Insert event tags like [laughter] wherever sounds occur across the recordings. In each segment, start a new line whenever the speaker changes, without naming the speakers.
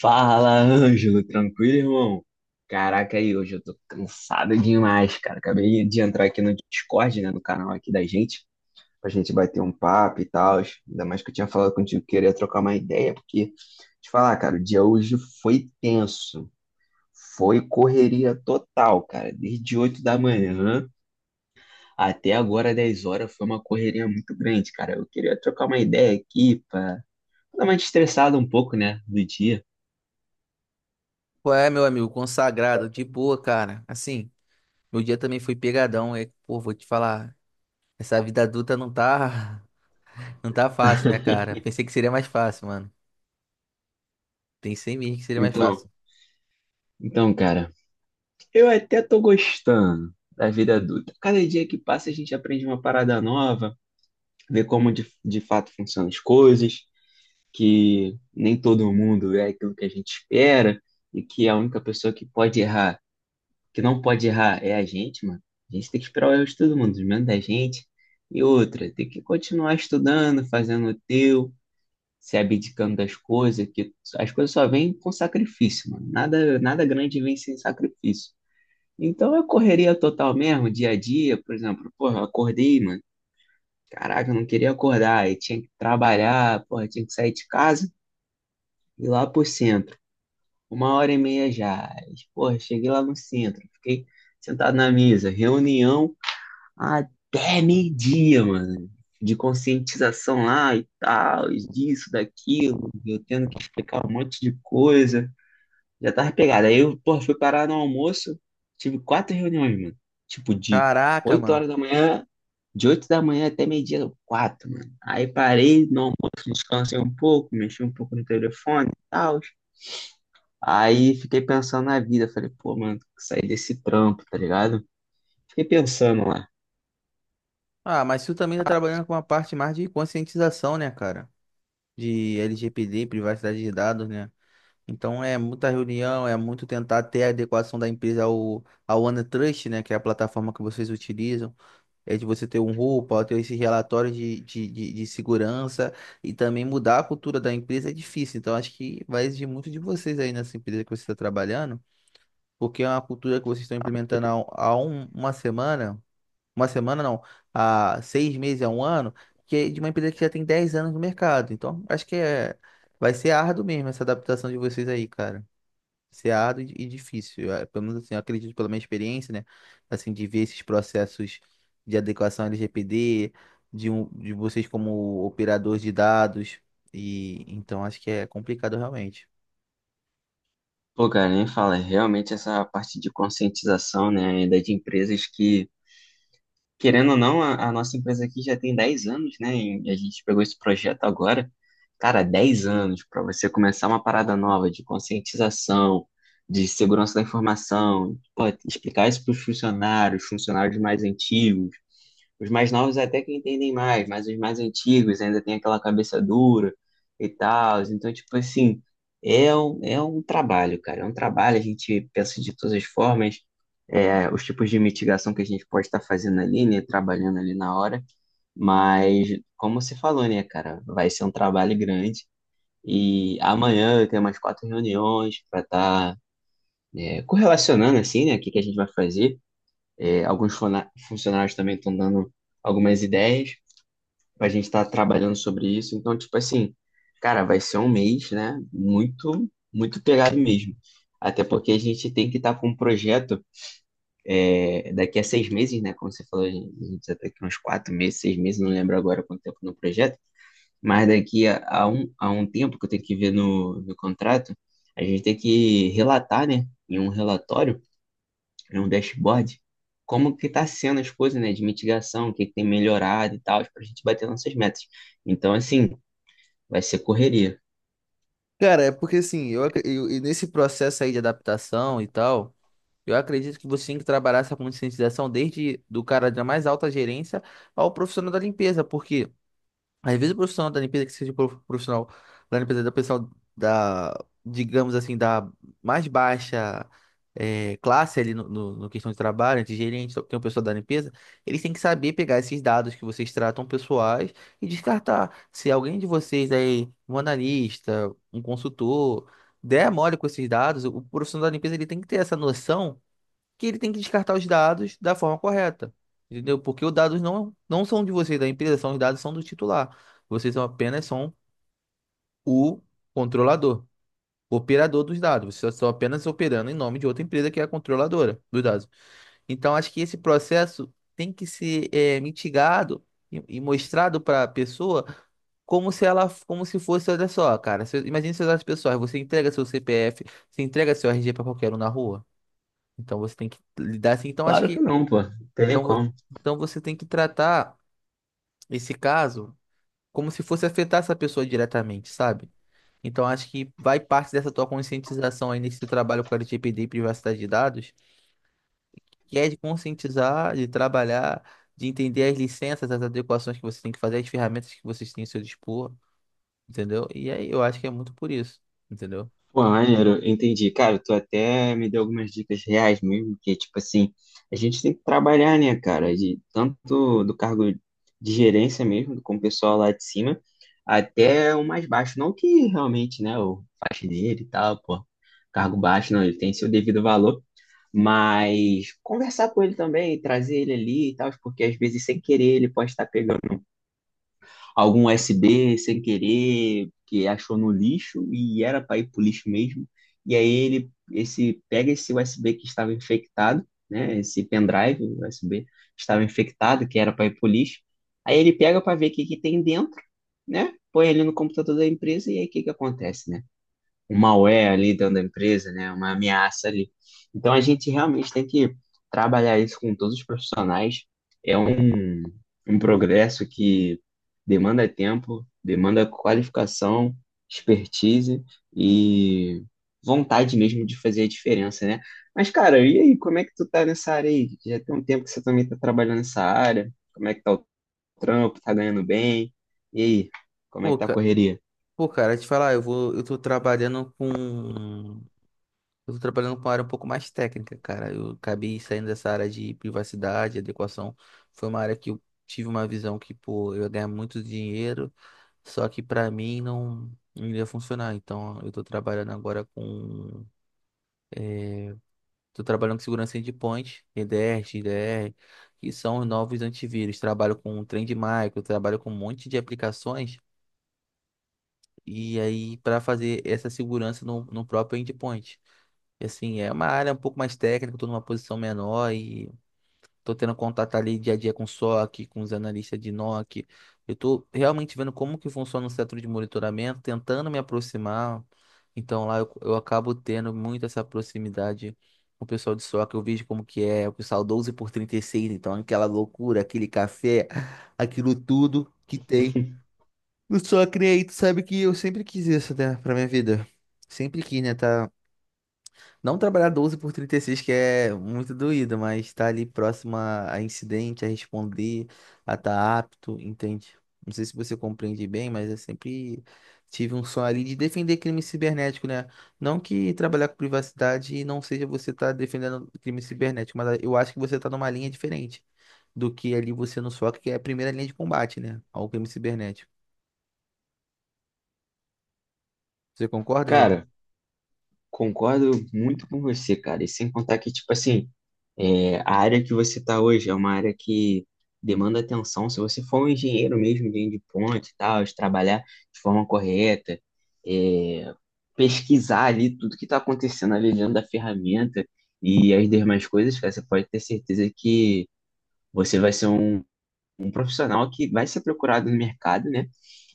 Fala, Ângelo, tranquilo, irmão? Caraca, aí hoje eu tô cansado demais, cara. Acabei de entrar aqui no Discord, né, no canal aqui da gente, pra gente bater um papo e tal. Ainda mais que eu tinha falado contigo que queria trocar uma ideia, porque, te falar, cara, o dia hoje foi tenso. Foi correria total, cara. Desde 8 da manhã até agora 10 horas foi uma correria muito grande, cara. Eu queria trocar uma ideia aqui pra dar uma estressada um pouco, né, do dia.
Qual é, meu amigo? Consagrado, de boa, cara. Assim, meu dia também foi pegadão. Pô, vou te falar, essa vida adulta não tá, [laughs] não tá fácil, né, cara? Pensei que seria mais fácil, mano. Pensei mesmo que seria mais fácil.
Então, então, cara. Eu até tô gostando da vida adulta. Cada dia que passa, a gente aprende uma parada nova, vê como de fato funcionam as coisas, que nem todo mundo é aquilo que a gente espera e que a única pessoa que pode errar, que não pode errar, é a gente, mano. A gente tem que esperar o erro de todo mundo, menos da gente. E outra, tem que continuar estudando, fazendo o teu, se abdicando das coisas, que as coisas só vêm com sacrifício, mano. Nada, nada grande vem sem sacrifício. Então eu correria total mesmo, dia a dia, por exemplo, porra, eu acordei, mano. Caraca, eu não queria acordar, e tinha que trabalhar, porra, tinha que sair de casa e ir lá pro centro. 1 hora e meia já. Aí, porra, cheguei lá no centro, fiquei sentado na mesa, reunião até meio-dia, mano. De conscientização lá e tal, disso, daquilo, eu tendo que explicar um monte de coisa. Já tava pegado. Aí eu, porra, fui parar no almoço. Tive 4 reuniões, mano. Tipo, de
Caraca,
8
mano.
horas da manhã, de 8 da manhã até meio-dia, quatro, mano. Aí parei no almoço, descansei um pouco, mexi um pouco no telefone e tal. Aí fiquei pensando na vida. Falei, pô, mano, tem que sair desse trampo, tá ligado? Fiquei pensando lá.
Ah, mas tu também tá trabalhando com uma parte mais de conscientização, né, cara? De LGPD, privacidade de dados, né? Então é muita reunião, é muito tentar ter a adequação da empresa ao OneTrust, né? Que é a plataforma que vocês utilizam. É de você ter um roupa, ter esses relatórios de segurança e também mudar a cultura da empresa é difícil. Então, acho que vai exigir muito de vocês aí nessa empresa que você está trabalhando, porque é uma cultura que vocês estão implementando há uma semana não, há seis meses, há um ano, que é de uma empresa que já tem 10 anos no mercado. Então, vai ser árduo mesmo essa adaptação de vocês aí, cara, ser árduo e difícil. Ah, pelo menos assim, eu acredito pela minha experiência, né? Assim, de ver esses processos de adequação LGPD, de vocês como operador de dados. E então acho que é complicado realmente.
Pô, cara, nem fala, realmente essa parte de conscientização, né, ainda de empresas que querendo ou não, a nossa empresa aqui já tem 10 anos, né? E a gente pegou esse projeto agora. Cara, 10 anos para você começar uma parada nova de conscientização, de segurança da informação, pô, explicar isso para os funcionários, funcionários mais antigos, os mais novos até que entendem mais, mas os mais antigos ainda tem aquela cabeça dura e tal. Então, tipo assim, é um trabalho, cara. É um trabalho, a gente pensa de todas as formas, é, os tipos de mitigação que a gente pode estar fazendo ali, né? Trabalhando ali na hora. Mas, como você falou, né, cara, vai ser um trabalho grande. E amanhã eu tenho umas 4 reuniões para estar é, correlacionando, assim, né, o que que a gente vai fazer. É, alguns funcionários também estão dando algumas ideias. A gente tá trabalhando sobre isso. Então, tipo assim, cara, vai ser um mês, né? Muito, muito pegado mesmo. Até porque a gente tem que estar com um projeto é, daqui a 6 meses, né? Como você falou, a gente já tá aqui uns 4 meses, 6 meses, não lembro agora quanto tempo no projeto. Mas daqui a um tempo que eu tenho que ver no, no contrato, a gente tem que relatar, né? Em um relatório, em um dashboard, como que tá sendo as coisas, né? De mitigação, o que que tem melhorado e tal, para a gente bater nossas metas. Então, assim, vai ser correria.
Cara, é porque assim, e nesse processo aí de adaptação e tal, eu acredito que você tem que trabalhar essa conscientização desde do cara da mais alta gerência ao profissional da limpeza, porque às vezes o profissional da limpeza, que seja o profissional da limpeza da pessoal da, digamos assim, da mais baixa classe ali no questão de trabalho, de gerente, tem o pessoal da limpeza, eles têm que saber pegar esses dados que vocês tratam pessoais e descartar. Se alguém de vocês aí, um analista, um consultor, der mole com esses dados, o profissional da limpeza ele tem que ter essa noção que ele tem que descartar os dados da forma correta, entendeu? Porque os dados não são de vocês, da empresa, são, os dados são do titular. Vocês são apenas são o controlador, operador dos dados. Vocês estão apenas operando em nome de outra empresa que é a controladora dos dados. Então, acho que esse processo tem que ser mitigado e mostrado para a pessoa como se ela, como se fosse, olha só, cara, se, imagine seus dados pessoais, você entrega seu CPF, você entrega seu RG para qualquer um na rua. Então, você tem que lidar assim. Então, acho
Claro que
que
não, pô. Não tem nem
então, vo-
como.
então você tem que tratar esse caso como se fosse afetar essa pessoa diretamente, sabe? Então acho que vai parte dessa tua conscientização aí nesse trabalho com a LGPD e privacidade de dados, que é de conscientizar, de trabalhar, de entender as licenças, as adequações que você tem que fazer, as ferramentas que vocês têm ao seu dispor, entendeu? E aí eu acho que é muito por isso, entendeu?
Pô, maneiro, entendi. Cara, tu até me deu algumas dicas reais mesmo, que, tipo assim, a gente tem que trabalhar, né, cara? De, tanto do cargo de gerência mesmo, com o pessoal lá de cima, até o mais baixo. Não que realmente, né, o faxineiro e tal, pô, cargo baixo, não, ele tem seu devido valor, mas conversar com ele também, trazer ele ali e tal, porque às vezes, sem querer, ele pode estar pegando algum USB sem querer, que achou no lixo e era para ir pro lixo mesmo. E aí ele esse pega esse USB que estava infectado, né, esse pendrive USB que estava infectado, que era para ir pro lixo. Aí ele pega para ver o que que tem dentro, né? Põe ele no computador da empresa e aí o que que acontece, né? Um malware ali dentro da empresa, né? Uma ameaça ali. Então a gente realmente tem que trabalhar isso com todos os profissionais. É um, um progresso que demanda tempo, demanda qualificação, expertise e vontade mesmo de fazer a diferença, né? Mas, cara, e aí, como é que tu tá nessa área aí? Já tem um tempo que você também tá trabalhando nessa área. Como é que tá o trampo? Tá ganhando bem? E aí, como é
Pô,
que tá a
cara,
correria?
pô, cara, te falar, eu tô trabalhando com uma área um pouco mais técnica, cara. Eu acabei saindo dessa área de privacidade, adequação. Foi uma área que eu tive uma visão que, pô, eu ia ganhar muito dinheiro, só que pra mim não iria funcionar. Então, eu tô trabalhando agora com... Tô trabalhando com segurança endpoint, EDR, XDR, que são os novos antivírus. Trabalho com Trend Micro, trabalho com um monte de aplicações. E aí, para fazer essa segurança no próprio endpoint. E, assim, é uma área um pouco mais técnica, estou numa posição menor e tô tendo contato ali dia a dia com o SOC, com os analistas de NOC. Eu tô realmente vendo como que funciona o setor de monitoramento, tentando me aproximar. Então lá eu acabo tendo muito essa proximidade com o pessoal de SOC. Eu vejo como que é o pessoal 12 por 36, então aquela loucura, aquele café, aquilo tudo que tem.
[laughs]
No SOC, né? Tu sabe que eu sempre quis isso, né, pra minha vida. Sempre quis, né, tá, não trabalhar 12 por 36, que é muito doído, mas estar ali próximo a incidente, a responder, a estar apto, entende? Não sei se você compreende bem, mas eu sempre tive um sonho ali de defender crime cibernético, né? Não que trabalhar com privacidade não seja você estar defendendo crime cibernético, mas eu acho que você está numa linha diferente do que ali você no SOC, que é a primeira linha de combate, né? Ao crime cibernético. Você concorda, Zé?
Cara, concordo muito com você, cara. E sem contar que, tipo assim, é, a área que você está hoje é uma área que demanda atenção. Se você for um engenheiro mesmo, engenheiro de ponte e tal, de trabalhar de forma correta, é, pesquisar ali tudo que está acontecendo ali dentro da ferramenta e as demais coisas, cara, você pode ter certeza que você vai ser um profissional que vai ser procurado no mercado, né?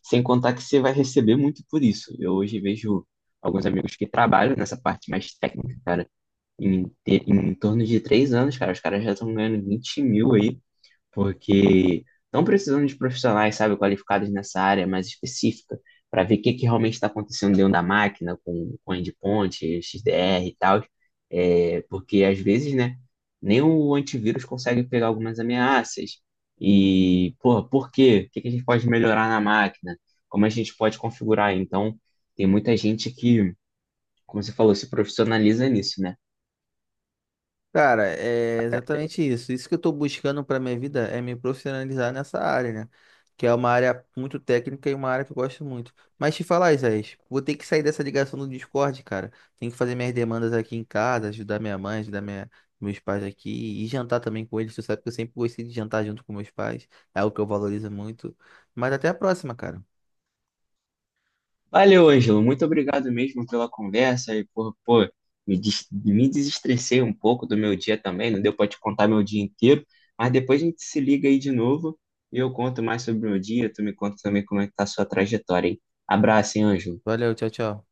Sem contar que você vai receber muito por isso. Eu hoje vejo alguns amigos que trabalham nessa parte mais técnica, cara. Em torno de 3 anos, cara, os caras já estão ganhando 20 mil aí porque estão precisando de profissionais, sabe, qualificados nessa área mais específica, para ver o que realmente está acontecendo dentro da máquina, com endpoint, XDR e tal, é, porque às vezes, né, nem o antivírus consegue pegar algumas ameaças. E, porra, por quê? O que a gente pode melhorar na máquina? Como a gente pode configurar? Então, tem muita gente que, como você falou, se profissionaliza nisso, né?
Cara, é exatamente isso. Isso que eu estou buscando para minha vida é me profissionalizar nessa área, né? Que é uma área muito técnica e uma área que eu gosto muito. Mas te falar, Isaías, vou ter que sair dessa ligação do Discord, cara. Tenho que fazer minhas demandas aqui em casa, ajudar minha mãe, meus pais aqui e jantar também com eles. Tu sabe que eu sempre gostei de jantar junto com meus pais. É algo que eu valorizo muito. Mas até a próxima, cara.
Valeu, Ângelo. Muito obrigado mesmo pela conversa e por, pô, me desestressei um pouco do meu dia também. Não deu para te contar meu dia inteiro, mas depois a gente se liga aí de novo e eu conto mais sobre o meu dia. Tu me conta também como é que tá a sua trajetória, hein? Abraço, hein, Ângelo.
Valeu, tchau, tchau.